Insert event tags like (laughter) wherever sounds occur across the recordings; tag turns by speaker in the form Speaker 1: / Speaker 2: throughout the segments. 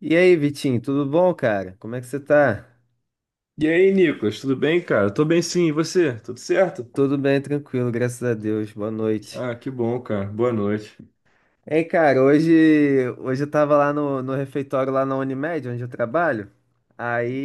Speaker 1: E aí, Vitinho, tudo bom, cara? Como é que você tá?
Speaker 2: E aí, Nicolas, tudo bem, cara? Tô bem sim, e você? Tudo certo?
Speaker 1: Tudo bem, tranquilo, graças a Deus. Boa noite.
Speaker 2: Ah, que bom, cara. Boa noite.
Speaker 1: Hein, cara, hoje eu tava lá no refeitório lá na Unimed, onde eu trabalho.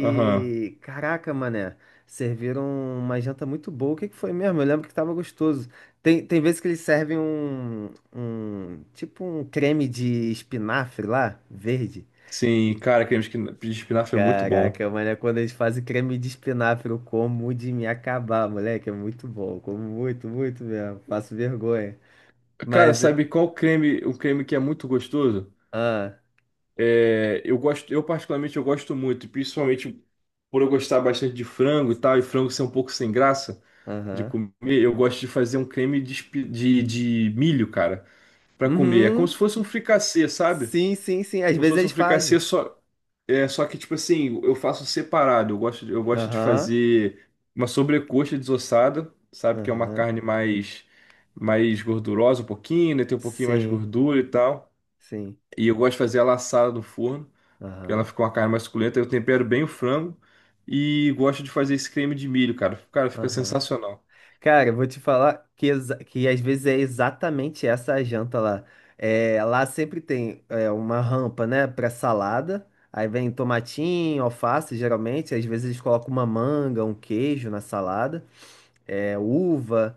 Speaker 2: Aham.
Speaker 1: caraca, mané, serviram uma janta muito boa. O que que foi mesmo? Eu lembro que tava gostoso. Tem vezes que eles servem tipo um creme de espinafre lá, verde.
Speaker 2: Sim, cara, creme de espinafre é muito bom.
Speaker 1: Caraca, mano, é quando eles fazem creme de espinafre, eu como de me acabar, moleque, é muito bom, eu como muito, muito mesmo, faço vergonha.
Speaker 2: Cara,
Speaker 1: Mas,
Speaker 2: sabe qual creme, um creme que é muito gostoso?
Speaker 1: ah,
Speaker 2: É, eu particularmente eu gosto muito, principalmente por eu gostar bastante de frango e tal, e frango ser um pouco sem graça de
Speaker 1: aham,
Speaker 2: comer, eu gosto de fazer um creme de milho, cara, pra comer. É como se
Speaker 1: uhum,
Speaker 2: fosse um fricassê, sabe?
Speaker 1: sim, sim, sim, às
Speaker 2: Como se
Speaker 1: vezes
Speaker 2: fosse um
Speaker 1: eles
Speaker 2: fricassê
Speaker 1: fazem,
Speaker 2: só. É, só que, tipo assim, eu faço separado. Eu gosto de
Speaker 1: aham,
Speaker 2: fazer uma sobrecoxa desossada, sabe? Que é uma
Speaker 1: aham,
Speaker 2: carne mais gordurosa um pouquinho, né? Tem um pouquinho mais de
Speaker 1: sim,
Speaker 2: gordura e tal.
Speaker 1: sim,
Speaker 2: E eu gosto de fazer ela assada no forno, que ela
Speaker 1: aham,
Speaker 2: fica uma carne mais suculenta. Eu tempero bem o frango e gosto de fazer esse creme de milho, cara. Cara, fica
Speaker 1: aham.
Speaker 2: sensacional.
Speaker 1: Cara, eu vou te falar que, que às vezes é exatamente essa a janta lá. É, lá sempre tem é, uma rampa, né, pra salada. Aí vem tomatinho, alface, geralmente. Às vezes eles colocam uma manga, um queijo na salada, é, uva.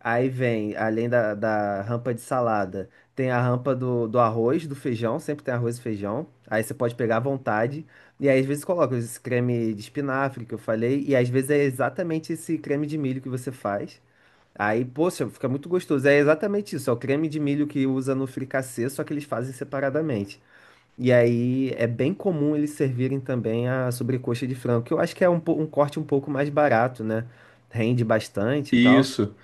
Speaker 1: Aí vem, além da rampa de salada, tem a rampa do arroz, do feijão. Sempre tem arroz e feijão. Aí você pode pegar à vontade. E aí, às vezes coloca esse creme de espinafre que eu falei. E às vezes é exatamente esse creme de milho que você faz. Aí, poxa, fica muito gostoso. É exatamente isso, é o creme de milho que usa no fricassê, só que eles fazem separadamente. E aí é bem comum eles servirem também a sobrecoxa de frango, que eu acho que é um, um corte um pouco mais barato, né? Rende bastante e tal.
Speaker 2: Isso.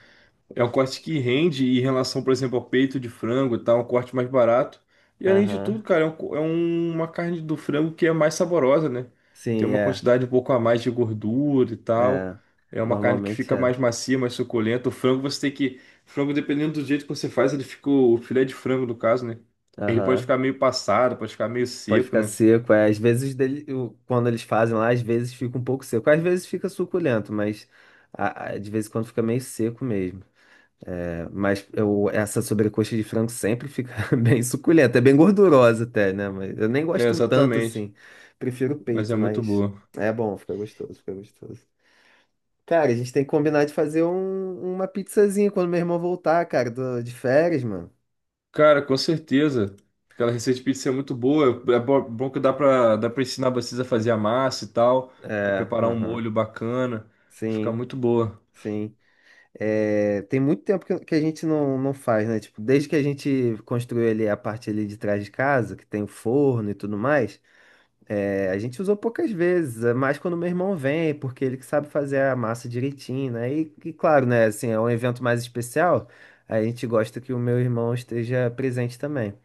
Speaker 2: É um corte que rende em relação, por exemplo, ao peito de frango e tal, é um corte mais barato. E além de tudo,
Speaker 1: Aham.
Speaker 2: cara, é, uma carne do frango que é mais saborosa, né? Tem
Speaker 1: Sim,
Speaker 2: uma
Speaker 1: é.
Speaker 2: quantidade um pouco a mais de gordura e tal.
Speaker 1: É.
Speaker 2: É uma carne que
Speaker 1: Normalmente
Speaker 2: fica
Speaker 1: é.
Speaker 2: mais macia, mais suculenta. O frango você tem que. Frango, dependendo do jeito que você faz, ele fica. O filé de frango, no caso, né? Ele pode
Speaker 1: Aham.
Speaker 2: ficar meio passado, pode ficar meio
Speaker 1: Pode
Speaker 2: seco,
Speaker 1: ficar
Speaker 2: né?
Speaker 1: seco. É. Às vezes, quando eles fazem lá, às vezes fica um pouco seco. Às vezes fica suculento, mas de vez em quando fica meio seco mesmo. Mas eu, essa sobrecoxa de frango sempre fica (laughs) bem suculenta. É bem gordurosa até, né? Mas eu nem
Speaker 2: É,
Speaker 1: gosto tanto
Speaker 2: exatamente.
Speaker 1: assim. Prefiro o
Speaker 2: Mas
Speaker 1: peito,
Speaker 2: é muito
Speaker 1: mas
Speaker 2: boa.
Speaker 1: é bom, fica gostoso, fica gostoso. Cara, a gente tem que combinar de fazer uma pizzazinha quando meu irmão voltar, cara, de férias, mano.
Speaker 2: Cara, com certeza. Aquela receita de pizza é muito boa. É bom que dá pra ensinar vocês a fazer a massa e tal, a
Speaker 1: É,
Speaker 2: preparar um
Speaker 1: aham.
Speaker 2: molho bacana. Fica
Speaker 1: Sim,
Speaker 2: muito boa.
Speaker 1: sim. É, tem muito tempo que a gente não, não faz, né? Tipo, desde que a gente construiu ali a parte ali de trás de casa, que tem o forno e tudo mais. É, a gente usou poucas vezes, é mais quando meu irmão vem, porque ele que sabe fazer a massa direitinho, né? E claro, né? Assim, é um evento mais especial, a gente gosta que o meu irmão esteja presente também.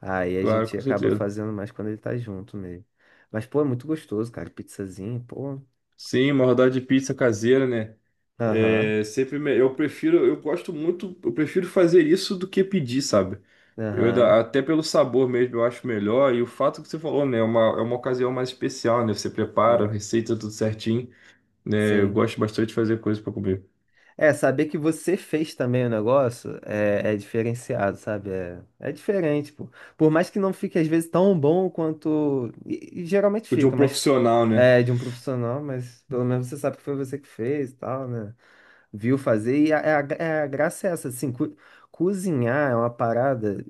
Speaker 1: Aí a
Speaker 2: Claro,
Speaker 1: gente
Speaker 2: com
Speaker 1: acaba
Speaker 2: certeza.
Speaker 1: fazendo mais quando ele tá junto mesmo. Mas, pô, é muito gostoso, cara. Pizzazinho, pô.
Speaker 2: Sim, uma rodada de pizza caseira, né?
Speaker 1: Aham,
Speaker 2: É sempre eu prefiro, eu gosto muito, eu prefiro fazer isso do que pedir, sabe?
Speaker 1: aham,
Speaker 2: Até pelo sabor mesmo, eu acho melhor. E o fato que você falou, né? É uma ocasião mais especial, né? Você prepara, a
Speaker 1: sim,
Speaker 2: receita tudo certinho, né? Eu
Speaker 1: sim.
Speaker 2: gosto bastante de fazer coisa pra comer.
Speaker 1: É, saber que você fez também o negócio é, é diferenciado, sabe? É, é diferente, pô. Por mais que não fique, às vezes, tão bom quanto. E geralmente
Speaker 2: O De um
Speaker 1: fica, mas
Speaker 2: profissional, né?
Speaker 1: é de um profissional, mas pelo menos você sabe que foi você que fez e tal, né? Viu fazer. E a, é a, é a graça é essa, assim, cozinhar é uma parada.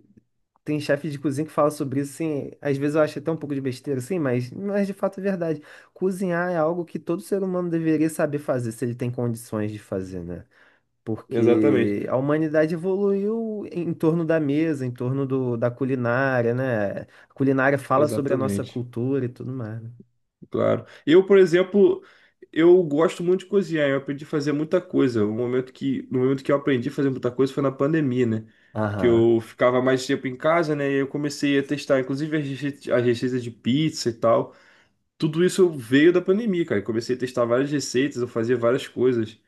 Speaker 1: Tem chefe de cozinha que fala sobre isso, assim. Às vezes eu acho até um pouco de besteira, assim, mas de fato é verdade. Cozinhar é algo que todo ser humano deveria saber fazer, se ele tem condições de fazer, né?
Speaker 2: Exatamente,
Speaker 1: Porque a humanidade evoluiu em torno da mesa, em torno da culinária, né? A culinária fala sobre a nossa
Speaker 2: exatamente,
Speaker 1: cultura e tudo mais, né?
Speaker 2: claro. Eu, por exemplo, eu gosto muito de cozinhar, eu aprendi a fazer muita coisa. No momento que eu aprendi a fazer muita coisa foi na pandemia, né? Que
Speaker 1: Aham,
Speaker 2: eu ficava mais tempo em casa, né? E eu comecei a testar, inclusive, as receitas de pizza e tal. Tudo isso veio da pandemia, cara. Eu comecei a testar várias receitas, eu fazia várias coisas.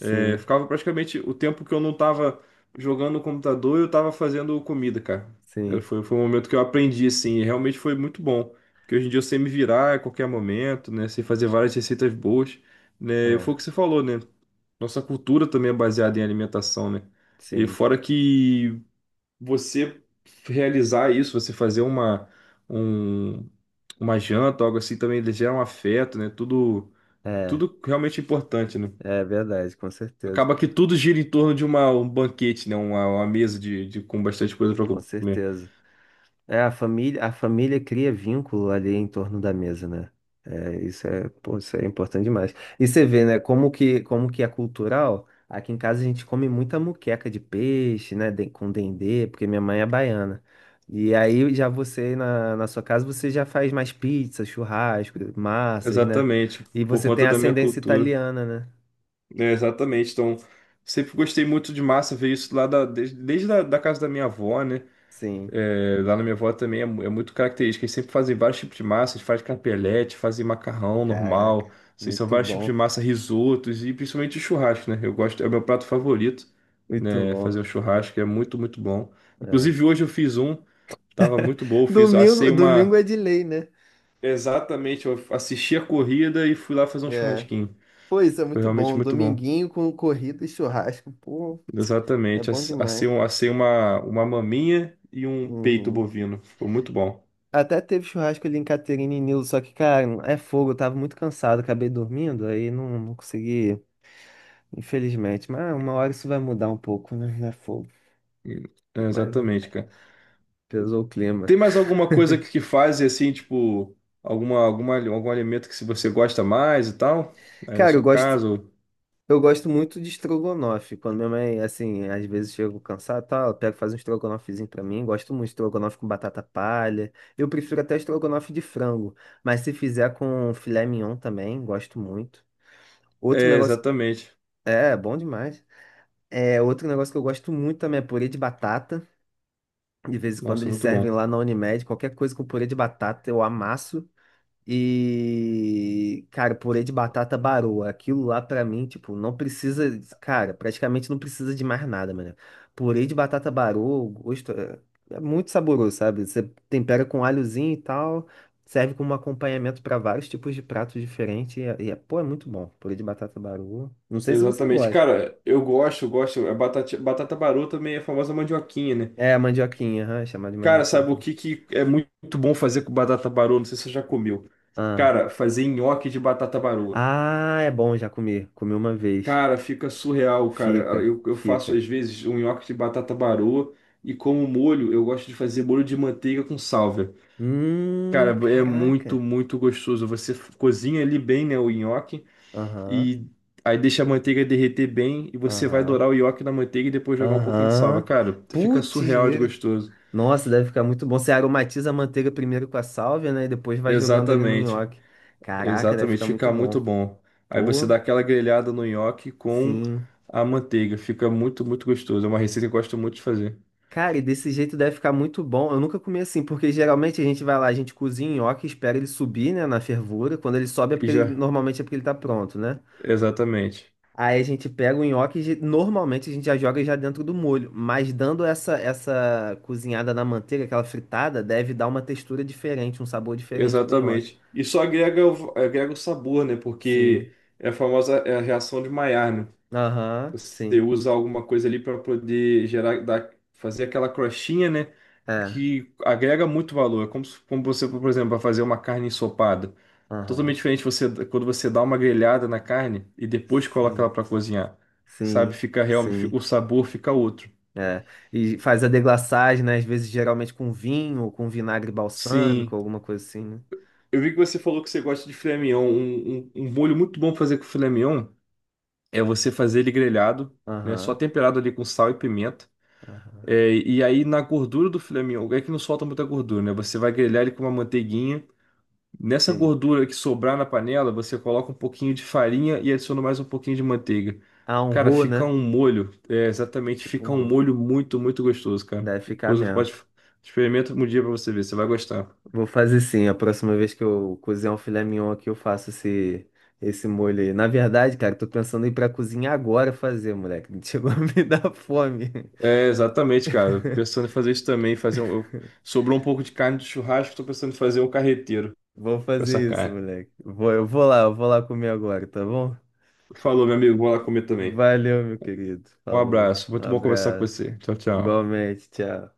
Speaker 2: É, ficava praticamente o tempo que eu não tava jogando no computador, eu tava fazendo comida, cara. É,
Speaker 1: sim,
Speaker 2: foi um momento que eu aprendi, assim, e realmente foi muito bom. Porque hoje em dia eu sei me virar a qualquer momento, né? Sei fazer várias receitas boas, né? E
Speaker 1: é,
Speaker 2: foi o que você falou, né? Nossa cultura também é baseada em alimentação, né? E
Speaker 1: sim,
Speaker 2: fora que você realizar isso, você fazer um- uma janta, algo assim, também ele gera um afeto, né? Tudo,
Speaker 1: é,
Speaker 2: tudo realmente importante, né?
Speaker 1: é verdade, com certeza,
Speaker 2: Acaba que tudo gira em torno de um banquete, né? Uma mesa de com bastante coisa para
Speaker 1: com
Speaker 2: comer.
Speaker 1: certeza. É, a família cria vínculo ali em torno da mesa, né? É, isso é, pô, isso é importante demais. E você vê, né, como que é cultural. Aqui em casa a gente come muita moqueca de peixe, né, com dendê, porque minha mãe é baiana. E aí já você, na sua casa, você já faz mais pizza, churrasco, massas, né?
Speaker 2: Exatamente,
Speaker 1: E
Speaker 2: por
Speaker 1: você
Speaker 2: conta
Speaker 1: tem
Speaker 2: da minha
Speaker 1: ascendência
Speaker 2: cultura.
Speaker 1: italiana, né?
Speaker 2: É, exatamente. Então, sempre gostei muito de massa, ver isso lá da, desde, desde a, da casa da minha avó, né?
Speaker 1: Sim,
Speaker 2: É, lá na minha avó também é, é muito característica. Eles sempre fazem vários tipos de massa. Eles fazem capelete, fazem macarrão
Speaker 1: caraca,
Speaker 2: normal. Assim, são
Speaker 1: muito
Speaker 2: vários tipos
Speaker 1: bom,
Speaker 2: de massa, risotos e principalmente o churrasco, né? Eu gosto, é o meu prato favorito,
Speaker 1: muito
Speaker 2: né? Fazer
Speaker 1: bom.
Speaker 2: o churrasco é muito, muito bom.
Speaker 1: É.
Speaker 2: Inclusive hoje eu fiz um, tava muito bom. Eu fiz,
Speaker 1: Domingo,
Speaker 2: assei
Speaker 1: domingo
Speaker 2: uma.
Speaker 1: é de lei, né?
Speaker 2: Exatamente, eu assisti a corrida e fui lá fazer um
Speaker 1: É.
Speaker 2: churrasquinho.
Speaker 1: Pois é,
Speaker 2: Foi
Speaker 1: muito
Speaker 2: realmente
Speaker 1: bom.
Speaker 2: muito bom.
Speaker 1: Dominguinho com corrida e churrasco. Pô, é
Speaker 2: Exatamente,
Speaker 1: bom
Speaker 2: assei,
Speaker 1: demais.
Speaker 2: assei uma maminha e um peito
Speaker 1: Uhum.
Speaker 2: bovino. Ficou muito bom.
Speaker 1: Até teve churrasco ali em Caterina e Nilo, só que, cara, é fogo. Eu tava muito cansado, acabei dormindo, aí não, não consegui, infelizmente. Mas uma hora isso vai mudar um pouco, né? É fogo.
Speaker 2: É,
Speaker 1: Mas é,
Speaker 2: exatamente, cara.
Speaker 1: pesou o clima.
Speaker 2: Tem mais alguma coisa que faz assim, tipo, algum alimento que se você gosta mais e tal? Aí na
Speaker 1: Cara, eu
Speaker 2: sua
Speaker 1: gosto.
Speaker 2: casa? Ou-
Speaker 1: Eu gosto muito de estrogonofe. Quando minha mãe, assim, às vezes chego cansado, tal, ela pega faz um estrogonofezinho pra mim. Gosto muito de estrogonofe com batata palha. Eu prefiro até estrogonofe de frango, mas se fizer com filé mignon também, gosto muito. Outro
Speaker 2: É,
Speaker 1: negócio,
Speaker 2: exatamente.
Speaker 1: é, bom demais. É, outro negócio que eu gosto muito também é purê de batata. De vez em quando
Speaker 2: Nossa,
Speaker 1: eles
Speaker 2: muito
Speaker 1: servem
Speaker 2: bom.
Speaker 1: lá na Unimed, qualquer coisa com purê de batata eu amasso. E, cara, purê de batata baroa. Aquilo lá pra mim, tipo, não precisa. Cara, praticamente não precisa de mais nada, mano. Purê de batata baroa, o gosto é, é muito saboroso, sabe? Você tempera com alhozinho e tal, serve como acompanhamento pra vários tipos de pratos diferentes. E, é, pô, é muito bom. Purê de batata baroa. Não sei se você
Speaker 2: Exatamente.
Speaker 1: gosta.
Speaker 2: Cara, eu gosto, eu gosto. A batata, batata barô também é a famosa mandioquinha, né?
Speaker 1: É, mandioquinha, aham, é chamada de
Speaker 2: Cara,
Speaker 1: mandioquinha
Speaker 2: sabe o
Speaker 1: também.
Speaker 2: que, que é muito bom fazer com batata barô? Não sei se você já comeu.
Speaker 1: Ah.
Speaker 2: Cara, fazer nhoque de batata baroa.
Speaker 1: Ah, é bom, já comi. Comi uma vez.
Speaker 2: Cara, fica surreal, cara.
Speaker 1: Fica,
Speaker 2: Eu faço
Speaker 1: fica.
Speaker 2: às vezes um nhoque de batata baroa e como molho, eu gosto de fazer molho de manteiga com sálvia. Cara, é muito,
Speaker 1: Caraca.
Speaker 2: muito gostoso. Você cozinha ali bem, né, o nhoque
Speaker 1: Aham,
Speaker 2: e aí deixa a manteiga derreter bem e você vai
Speaker 1: aham,
Speaker 2: dourar o nhoque na manteiga e depois jogar um pouquinho de salva.
Speaker 1: aham.
Speaker 2: Cara, fica
Speaker 1: Putz,
Speaker 2: surreal de
Speaker 1: grila.
Speaker 2: gostoso.
Speaker 1: Nossa, deve ficar muito bom. Você aromatiza a manteiga primeiro com a sálvia, né? E depois vai jogando ali no
Speaker 2: Exatamente.
Speaker 1: nhoque. Caraca, deve
Speaker 2: Exatamente,
Speaker 1: ficar muito
Speaker 2: fica
Speaker 1: bom.
Speaker 2: muito bom. Aí você
Speaker 1: Pô,
Speaker 2: dá aquela grelhada no nhoque com
Speaker 1: sim.
Speaker 2: a manteiga. Fica muito, muito gostoso. É uma receita que eu gosto muito de fazer.
Speaker 1: Cara, e desse jeito deve ficar muito bom. Eu nunca comi assim, porque geralmente a gente vai lá, a gente cozinha o nhoque, espera ele subir, né, na fervura. Quando ele sobe é
Speaker 2: E
Speaker 1: porque ele,
Speaker 2: já,
Speaker 1: normalmente é porque ele tá pronto, né?
Speaker 2: exatamente.
Speaker 1: Aí a gente pega o nhoque, normalmente a gente já joga já dentro do molho, mas dando essa cozinhada na manteiga, aquela fritada, deve dar uma textura diferente, um sabor diferente pro nhoque.
Speaker 2: Exatamente. Isso agrega, agrega o sabor, né?
Speaker 1: Sim.
Speaker 2: Porque é a famosa é a reação de Maillard, né?
Speaker 1: Aham,
Speaker 2: Você
Speaker 1: sim.
Speaker 2: usa alguma coisa ali para poder gerar, dar, fazer aquela crostinha, né?
Speaker 1: É.
Speaker 2: Que agrega muito valor. É como, como você, por exemplo, vai fazer uma carne ensopada.
Speaker 1: Aham.
Speaker 2: Totalmente diferente você quando você dá uma grelhada na carne e depois coloca ela
Speaker 1: Sim.
Speaker 2: para cozinhar. Sabe?
Speaker 1: Sim.
Speaker 2: Fica realmente, o
Speaker 1: Sim.
Speaker 2: sabor fica outro.
Speaker 1: É. E faz a deglaçagem, né? Às vezes geralmente com vinho ou com vinagre balsâmico,
Speaker 2: Sim.
Speaker 1: alguma coisa assim, né?
Speaker 2: Eu vi que você falou que você gosta de filé mignon. Um molho muito bom pra fazer com filé mignon é você fazer ele grelhado, né? Só
Speaker 1: Aham.
Speaker 2: temperado ali com sal e pimenta.
Speaker 1: Aham.
Speaker 2: É, e aí na gordura do filé mignon, é que não solta muita gordura, né? Você vai grelhar ele com uma manteiguinha. Nessa
Speaker 1: Sim.
Speaker 2: gordura que sobrar na panela, você coloca um pouquinho de farinha e adiciona mais um pouquinho de manteiga.
Speaker 1: Ah, um
Speaker 2: Cara,
Speaker 1: roux,
Speaker 2: fica
Speaker 1: né?
Speaker 2: um molho, é, exatamente,
Speaker 1: Tipo um
Speaker 2: fica um
Speaker 1: roux.
Speaker 2: molho muito, muito gostoso, cara.
Speaker 1: Deve ficar
Speaker 2: Depois você
Speaker 1: mesmo.
Speaker 2: pode experimenta um dia pra você ver, você vai gostar.
Speaker 1: Vou fazer sim. A próxima vez que eu cozinhar um filé mignon aqui, eu faço esse, esse molho aí. Na verdade, cara, tô pensando em ir pra cozinha agora fazer, moleque. (laughs) Chegou a me dar fome.
Speaker 2: É, exatamente, cara. Pensando em fazer isso também, fazer um... sobrou um pouco de carne do churrasco, tô pensando em fazer um carreteiro
Speaker 1: Vou
Speaker 2: com essa
Speaker 1: fazer isso,
Speaker 2: carne.
Speaker 1: moleque. Vou, eu vou lá comer agora, tá bom?
Speaker 2: Falou, meu amigo, vou lá comer também.
Speaker 1: Valeu, meu querido.
Speaker 2: Um
Speaker 1: Falou.
Speaker 2: abraço,
Speaker 1: Um
Speaker 2: muito bom conversar com
Speaker 1: abraço.
Speaker 2: você. Tchau, tchau.
Speaker 1: Igualmente, tchau.